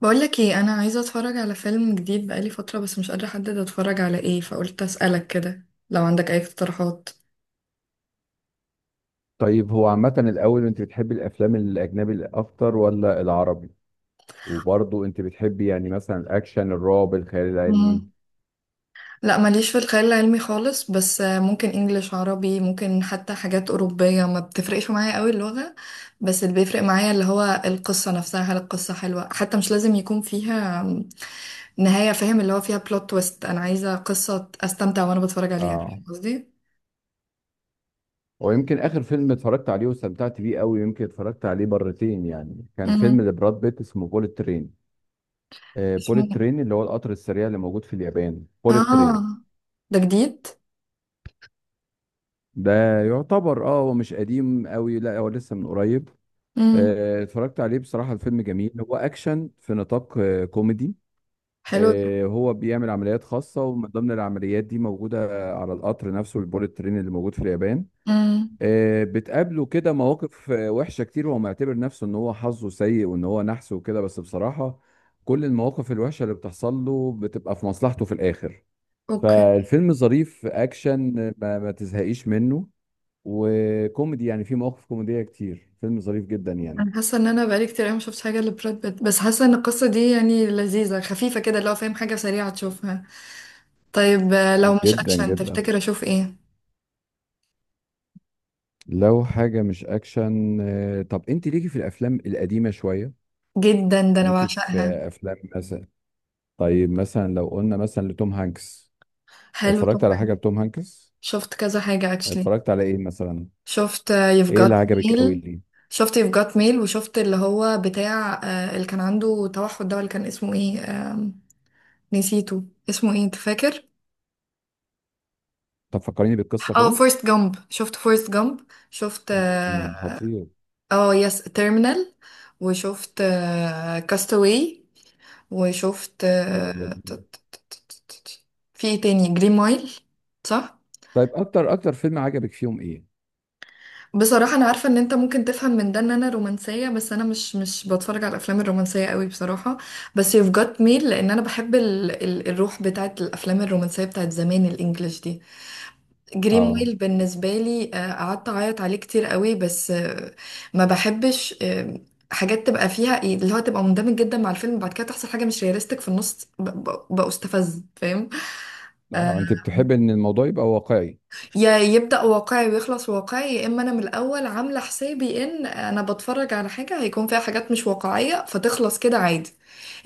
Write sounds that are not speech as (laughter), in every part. بقولك ايه، انا عايزه اتفرج على فيلم جديد بقالي فتره، بس مش قادره احدد اتفرج على ايه، فقلت اسالك كده لو عندك اي اقتراحات. طيب هو عامة الأول أنت بتحبي الأفلام الأجنبي أكتر ولا العربي؟ وبرضه أنت بتحبي مثلا الأكشن الرعب الخيال العلمي. مم. لا، ماليش في الخيال العلمي خالص، بس ممكن انجليش، عربي، ممكن حتى حاجات اوروبيه، ما بتفرقش معايا قوي اللغه. بس اللي بيفرق معايا اللي هو القصه نفسها، هل القصه حلوه، حتى مش لازم يكون فيها نهايه، فاهم؟ اللي هو فيها بلوت تويست، انا عايزه قصه استمتع وانا بتفرج عليها، فاهم اه، قصدي؟ ويمكن آخر فيلم اتفرجت عليه واستمتعت بيه قوي، يمكن اتفرجت عليه مرتين، يعني كان فيلم مم. لبراد بيت اسمه بوليت ترين. آه، اسمه. بوليت ترين اللي هو القطر السريع اللي موجود في اليابان، بوليت اه، ترين. ده جديد؟ ده يعتبر اه، هو مش قديم قوي، لا هو لسه من قريب. مم. اتفرجت عليه بصراحة الفيلم جميل، هو أكشن في نطاق كوميدي. حلو. هو بيعمل عمليات خاصة، ومن ضمن العمليات دي موجودة على القطر نفسه، البوليت ترين اللي موجود في اليابان. امم بتقابله كده مواقف وحشة كتير، وهو معتبر نفسه ان هو حظه سيء وان هو نحس وكده، بس بصراحة كل المواقف الوحشة اللي بتحصل له بتبقى في مصلحته في الآخر. اوكي. فالفيلم ظريف، أكشن ما تزهقيش منه، وكوميدي، يعني في مواقف كوميدية كتير، فيلم ظريف جدا يعني، انا حاسه ان انا بقالي كتير قوي ما شفتش حاجه لبراد بيت، بس حاسه ان القصه دي يعني لذيذه، خفيفه كده لو فاهم، حاجه سريعه تشوفها. طيب، لو مش جدا اكشن جدا. تفتكر اشوف ايه؟ لو حاجة مش أكشن طب أنت ليكي في الأفلام القديمة شوية؟ جدا، ده انا ليكي في بعشقها. افلام مثلا؟ طيب مثلا لو قلنا مثلا لتوم هانكس، حلو اتفرجت على طبعا. حاجه لتوم هانكس؟ شفت كذا حاجه اكشلي. اتفرجت على ايه مثلا؟ شفت يف ايه اللي جات عجبك قوي ميل. ليه؟ شفت يف جات ميل، وشفت اللي هو بتاع اللي كان عنده توحد ده، اللي كان اسمه ايه؟ آم، نسيته. اسمه ايه انت فاكر؟ طب فكريني بالقصه اه، كده. فورست جامب. شفت فورست جامب. شفت امم، خطير. اه، يس تيرمينال. وشفت كاستاوي. وشفت حلو جدا. في ايه تاني؟ جرين مايل. صح. طيب اكتر اكتر فيلم عجبك فيهم ايه؟ بصراحة أنا عارفة إن أنت ممكن تفهم من ده إن أنا رومانسية، بس أنا مش بتفرج على الأفلام الرومانسية قوي بصراحة، بس You've Got Mail لأن أنا بحب ال الروح بتاعت الأفلام الرومانسية بتاعت زمان، الإنجليش دي. اه جريمويل بالنسبة لي قعدت أعيط عليه كتير قوي، بس ما بحبش حاجات تبقى فيها إيه، اللي هو تبقى مندمج جدا مع الفيلم بعد كده تحصل حاجة مش رياليستيك في النص بستفز، فاهم؟ آه، اه، انت بتحب ان الموضوع يبقى واقعي. يا يبدأ واقعي ويخلص واقعي، يا إما أنا من الأول عاملة حسابي إن أنا بتفرج على حاجة هيكون فيها حاجات مش واقعية فتخلص كده عادي.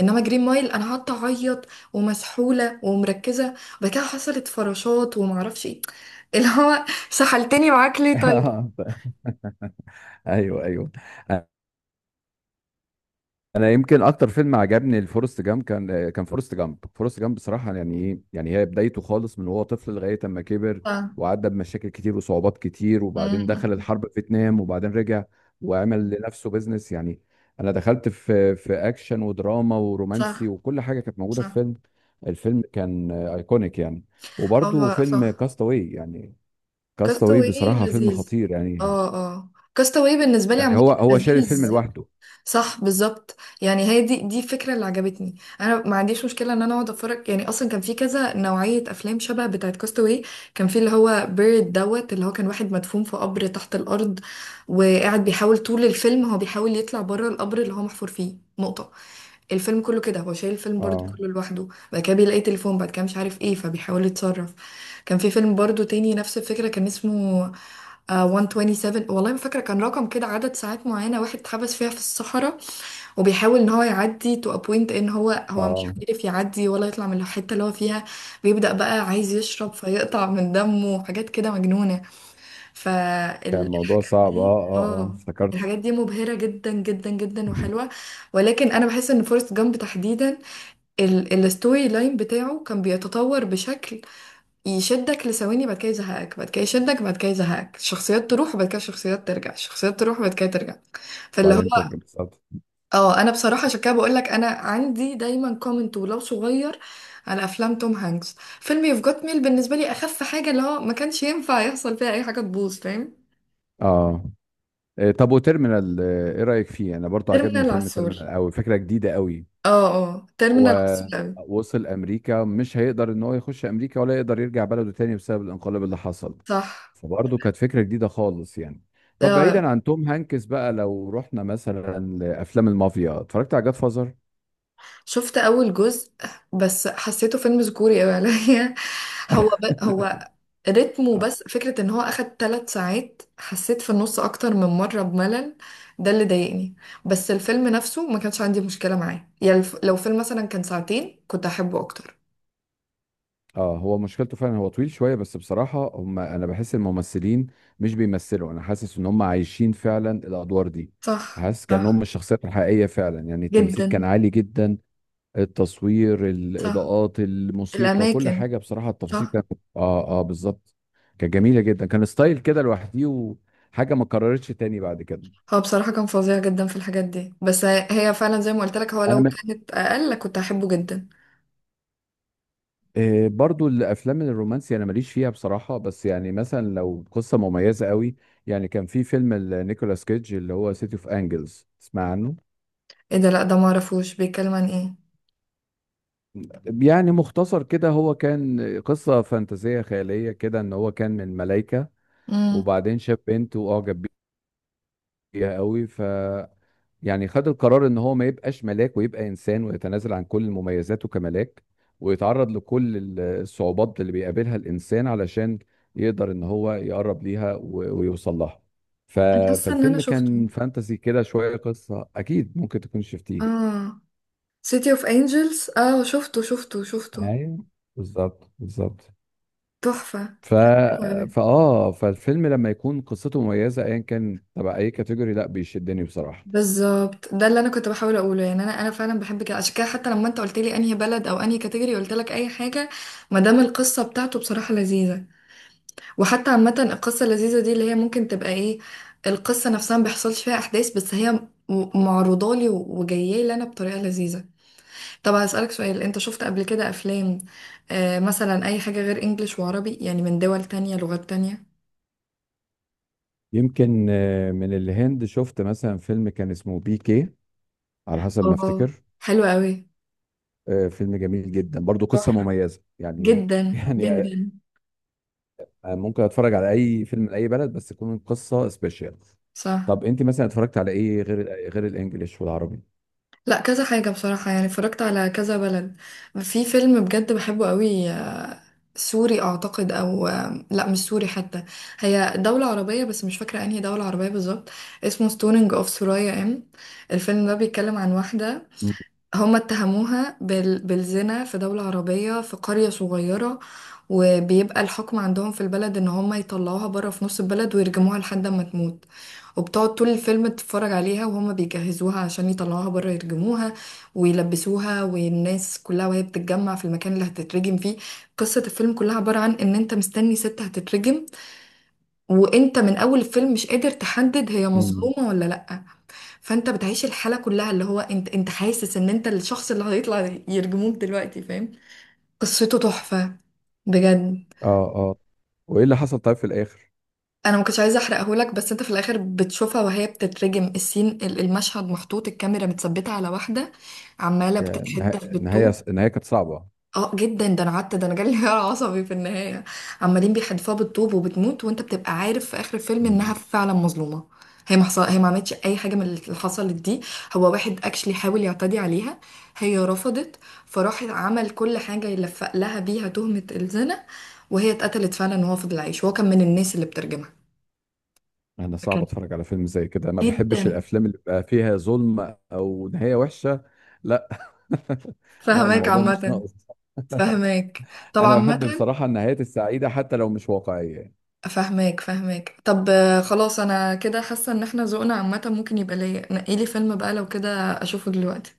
انما جرين مايل انا قعدت اعيط ومسحوله ومركزه، وبعد كده حصلت فراشات ومعرفش ايه، اللي هو سحلتني معاك ليه طيب؟ (laughs) ايوه ايوه. انا يمكن اكتر فيلم عجبني الفورست جامب، كان فورست جامب بصراحه، يعني ايه يعني هي بدايته خالص من وهو طفل لغايه اما كبر صح. وعدى بمشاكل كتير وصعوبات كتير، وبعدين مم. دخل الحرب في فيتنام، وبعدين رجع وعمل لنفسه بيزنس يعني. انا دخلت في اكشن ودراما ورومانسي، صح وكل حاجه كانت موجوده في صح. فيلم. الفيلم كان ايكونيك يعني. وبرده هو فيلم صح، كاستاوي يعني، كاستاوي كاستاوي بصراحه فيلم لذيذ. خطير يعني، اه اه، كاستاوي بالنسبه لي يعني عامه هو شال الفيلم لذيذ. لوحده. صح بالظبط. يعني هي دي الفكره اللي عجبتني، انا ما عنديش مشكله ان انا اقعد اتفرج، يعني اصلا كان في كذا نوعيه افلام شبه بتاعه كاستاوي. كان في اللي هو بيرد دوت، اللي هو كان واحد مدفون في قبر تحت الارض، وقاعد بيحاول طول الفيلم هو بيحاول يطلع بره القبر اللي هو محفور فيه نقطه. الفيلم كله كده هو شايل الفيلم برضو اه كله لوحده. بعد كده بيلاقي تليفون، بعد كده مش عارف ايه، فبيحاول يتصرف. كان في فيلم برضو تاني نفس الفكرة، كان اسمه 127، والله ما فاكرة، كان رقم كده عدد ساعات معينة واحد اتحبس فيها في الصحراء، وبيحاول ان هو يعدي تو ابوينت، ان هو مش اه، عارف يعدي ولا يطلع من الحتة اللي هو فيها. بيبدأ بقى عايز يشرب فيقطع من دمه وحاجات كده مجنونة. كان الموضوع فالحاجات صعب، اه دي اه اه، اه، افتكرته. الحاجات دي مبهرة جدا جدا جدا، وحلوة. ولكن انا بحس ان فورست جامب تحديدا، الستوري لاين بتاعه كان بيتطور بشكل يشدك لثواني، بعد كده يزهقك، بعد كده يشدك، بعد كده يزهقك، الشخصيات تروح وبعد كده الشخصيات ترجع، الشخصيات تروح وبعد كده ترجع. فاللي هو وبعدين ترجم بالظبط. اه، انا بصراحة عشان كده بقول لك انا عندي دايما كومنت ولو صغير على افلام توم هانكس. فيلم يوف جوت ميل بالنسبة لي اخف حاجة، اللي هو ما كانش ينفع يحصل فيها اي حاجة تبوظ، فاهم؟ اه، إيه، طب وتيرمينال ايه رأيك فيه؟ انا برضو عجبني تيرمينال فيلم عسول. تيرمينال قوي، فكرة جديدة قوي. اه اه، هو تيرمينال عسول اوي. وصل امريكا، مش هيقدر ان هو يخش امريكا، ولا يقدر يرجع بلده تاني بسبب الانقلاب اللي حصل. صح. فبرضه كانت فكرة جديدة خالص يعني. طب اه، بعيدا عن توم هانكس بقى، لو رحنا مثلا لافلام المافيا، اتفرجت على جاد فازر؟ شفت اول جزء، بس حسيته فيلم ذكوري قوي عليا. (laughs) هو هو رتمه، بس (laughs) فكرة ان هو اخد 3 ساعات، حسيت في النص اكتر من مرة بملل. ده اللي ضايقني. بس الفيلم نفسه ما كانش عندي مشكلة معاه، يعني لو فيلم مثلا كان ساعتين كنت احبه اكتر. اه، هو مشكلته فعلا هو طويل شويه، بس بصراحه هم انا بحس الممثلين مش بيمثلوا، انا حاسس ان هم عايشين فعلا الادوار دي، صح حاسس كانهم صح. الشخصيات الحقيقيه فعلا، يعني التمثيل كان جدا. عالي جدا. التصوير، صح، الاضاءات، الموسيقى، كل الاماكن. حاجه بصراحه، التفاصيل صح. كانت، اه اه، بالظبط، كانت جميله جدا، كان ستايل كده لوحدي، وحاجه ما اتكررتش تاني بعد كده. هو بصراحة كان فظيع جدا في الحاجات دي، بس هي فعلا زي ما قلت لك، هو انا لو من، كانت اقل كنت احبه جدا. إيه، برضو الافلام الرومانسي انا ماليش فيها بصراحه، بس يعني مثلا لو قصه مميزه قوي، يعني كان في فيلم نيكولاس كيدج اللي هو سيتي اوف انجلز، تسمع عنه؟ ايه ده؟ لا، ده ما اعرفوش، بيتكلم عن ايه؟ يعني مختصر كده، هو كان قصه فانتازيه خياليه كده، ان هو كان من ملايكه، امم وبعدين شاف بنت واعجب بيها قوي، يعني خد القرار ان هو ما يبقاش ملاك ويبقى انسان، ويتنازل عن كل مميزاته كملاك، ويتعرض لكل الصعوبات اللي بيقابلها الانسان، علشان يقدر ان هو يقرب ليها ويوصل لها. ف... انا حاسه ان انا فالفيلم شفته. كان فانتسي كده شوية، قصة اكيد ممكن تكون شفتيه. اه، سيتي اوف انجلز، اه، شفته شفته شفته. ايوه، بالظبط بالظبط. تحفه. ف... حلو أوي. فاه، فالفيلم لما يكون قصته مميزة ايا كان تبع اي كاتيجوري، لا بيشدني بصراحة. بالظبط، ده اللي انا كنت بحاول اقوله. يعني انا فعلا بحب كده، عشان كده حتى لما انت قلت لي انهي بلد او انهي كاتيجوري، قلت لك اي حاجه ما دام القصه بتاعته بصراحه لذيذه. وحتى عامه، القصه اللذيذه دي اللي هي ممكن تبقى ايه، القصه نفسها ما بيحصلش فيها احداث بس هي معروضه لي وجايه لي انا بطريقه لذيذه. طب هسألك سؤال، انت شفت قبل كده افلام مثلا اي حاجة غير انجليش وعربي يعني من دول تانية، لغات تانية؟ يمكن من الهند شفت مثلا فيلم كان اسمه بي كي، على حسب ما اه، افتكر. حلوة قوي. فيلم جميل جدا، برضو قصة تحفة. مميزة يعني. (laughs) جدا يعني جدا. ممكن اتفرج على اي فيلم لاي بلد، بس تكون القصة سبيشال. صح. طب انت مثلا اتفرجت على ايه غير الانجليش والعربي؟ لا، كذا حاجة بصراحة، يعني اتفرجت على كذا بلد. في فيلم بجد بحبه قوي، سوري اعتقد، او لا مش سوري حتى، هي دولة عربية بس مش فاكرة انهي دولة عربية بالظبط. اسمه ستونينج اوف سورايا. الفيلم ده بيتكلم عن واحدة مم. هما اتهموها بالزنا في دولة عربية، في قرية صغيرة. وبيبقى الحكم عندهم في البلد ان هما يطلعوها بره في نص البلد ويرجموها لحد ما تموت. وبتقعد طول الفيلم تتفرج عليها وهما بيجهزوها عشان يطلعوها بره يرجموها ويلبسوها، والناس كلها وهي بتتجمع في المكان اللي هتترجم فيه. قصة الفيلم كلها عبارة عن ان انت مستني ست هتترجم، وانت من اول الفيلم مش قادر تحدد هي مم. مظلومة ولا لأ. فانت بتعيش الحاله كلها، اللي هو انت حاسس ان انت الشخص اللي هيطلع يرجموك دلوقتي، فاهم؟ قصته تحفه بجد. اه اه، وايه اللي حصل طيب في الاخر؟ انا ما كنتش عايزه احرقه لك، بس انت في الاخر بتشوفها وهي بتترجم، السين المشهد محطوط الكاميرا متثبته على واحده عماله يعني بتتحدث النهاية بالطول. النهاية كانت صعبة. اه جدا، ده انا قعدت ده انا جالي انهيار عصبي في النهايه. عمالين بيحدفوها بالطوب وبتموت، وانت بتبقى عارف في اخر الفيلم انها مم. فعلا مظلومه. هي ما حصل... هي ما عملتش اي حاجه من اللي حصلت دي، هو واحد اكشلي حاول يعتدي عليها، هي رفضت، فراح عمل كل حاجه يلفق لها بيها تهمه الزنا. وهي اتقتلت فعلا وهو فضل عايش، هو كان من الناس اللي بترجمها. انا صعب كان اتفرج على فيلم زي كده، ما بحبش جدا. الافلام اللي بقى فيها ظلم او نهاية وحشة، لا. (laughs) لا، فهماك الموضوع مش عامه. ناقص. فهماك طبعا انا بحب عامه. بصراحة النهايات السعيدة حتى لو مش واقعية. فاهماك فاهماك. طب خلاص، انا كده حاسه ان احنا ذوقنا عامه ممكن يبقى ليا، نقيلي فيلم بقى لو كده اشوفه دلوقتي.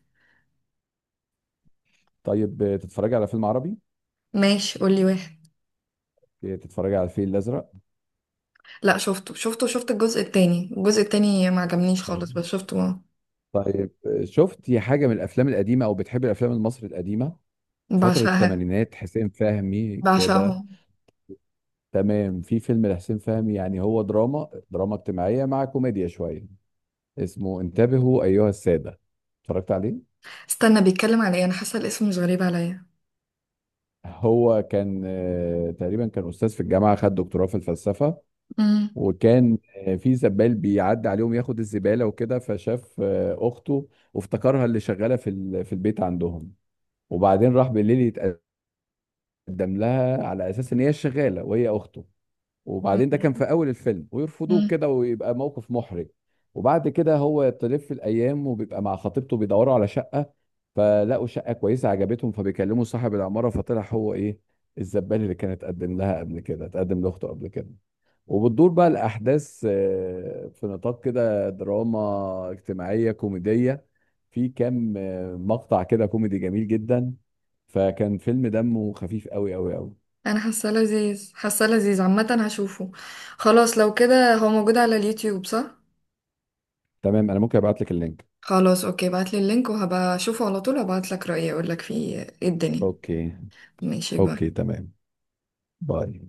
طيب تتفرجي على فيلم عربي؟ ماشي قولي واحد. تتفرجي على الفيل الازرق؟ لا شفته شفته، شفت الجزء التاني، الجزء التاني ما عجبنيش خالص طبعاً. بس شفته طيب شفتي حاجه من الافلام القديمه؟ او بتحبي الافلام المصري القديمه، فتره بعشقها. الثمانينات، حسين فهمي كده؟ بعشقهم. تمام، في فيلم لحسين فهمي، يعني هو دراما، دراما اجتماعيه مع كوميديا شويه، اسمه انتبهوا ايها الساده، اتفرجت عليه؟ استنى، بيتكلم على ايه؟ انا حاسه الاسم مش غريب عليا. هو كان تقريبا كان استاذ في الجامعه، خد دكتوراه في الفلسفه، امم وكان في زبال بيعدي عليهم ياخد الزبالة وكده، فشاف أخته، وافتكرها اللي شغالة في البيت عندهم، وبعدين راح بالليل يتقدم لها على أساس إن هي الشغالة، وهي أخته. وبعدين ده كان في أول الفيلم، ويرفضوه امم كده ويبقى موقف محرج. وبعد كده هو تلف الأيام، وبيبقى مع خطيبته بيدوروا على شقة، فلقوا شقة كويسة عجبتهم، فبيكلموا صاحب العمارة، فطلع هو إيه، الزبال اللي كانت تقدم لها قبل كده، تقدم لأخته قبل كده. وبتدور بقى الأحداث في نطاق كده دراما اجتماعية كوميدية، في كام مقطع كده كوميدي جميل جدا، فكان فيلم دمه خفيف قوي قوي قوي. انا حاسه لذيذ، حاسه لذيذ عامه، هشوفه. خلاص لو كده هو موجود على اليوتيوب، صح؟ تمام، أنا ممكن أبعت لك اللينك. خلاص اوكي، بعتلي اللينك وهبقى اشوفه على طول، وابعتلك رأيي اقولك فيه ايه الدنيا. أوكي. ماشي، باي. أوكي تمام. باي.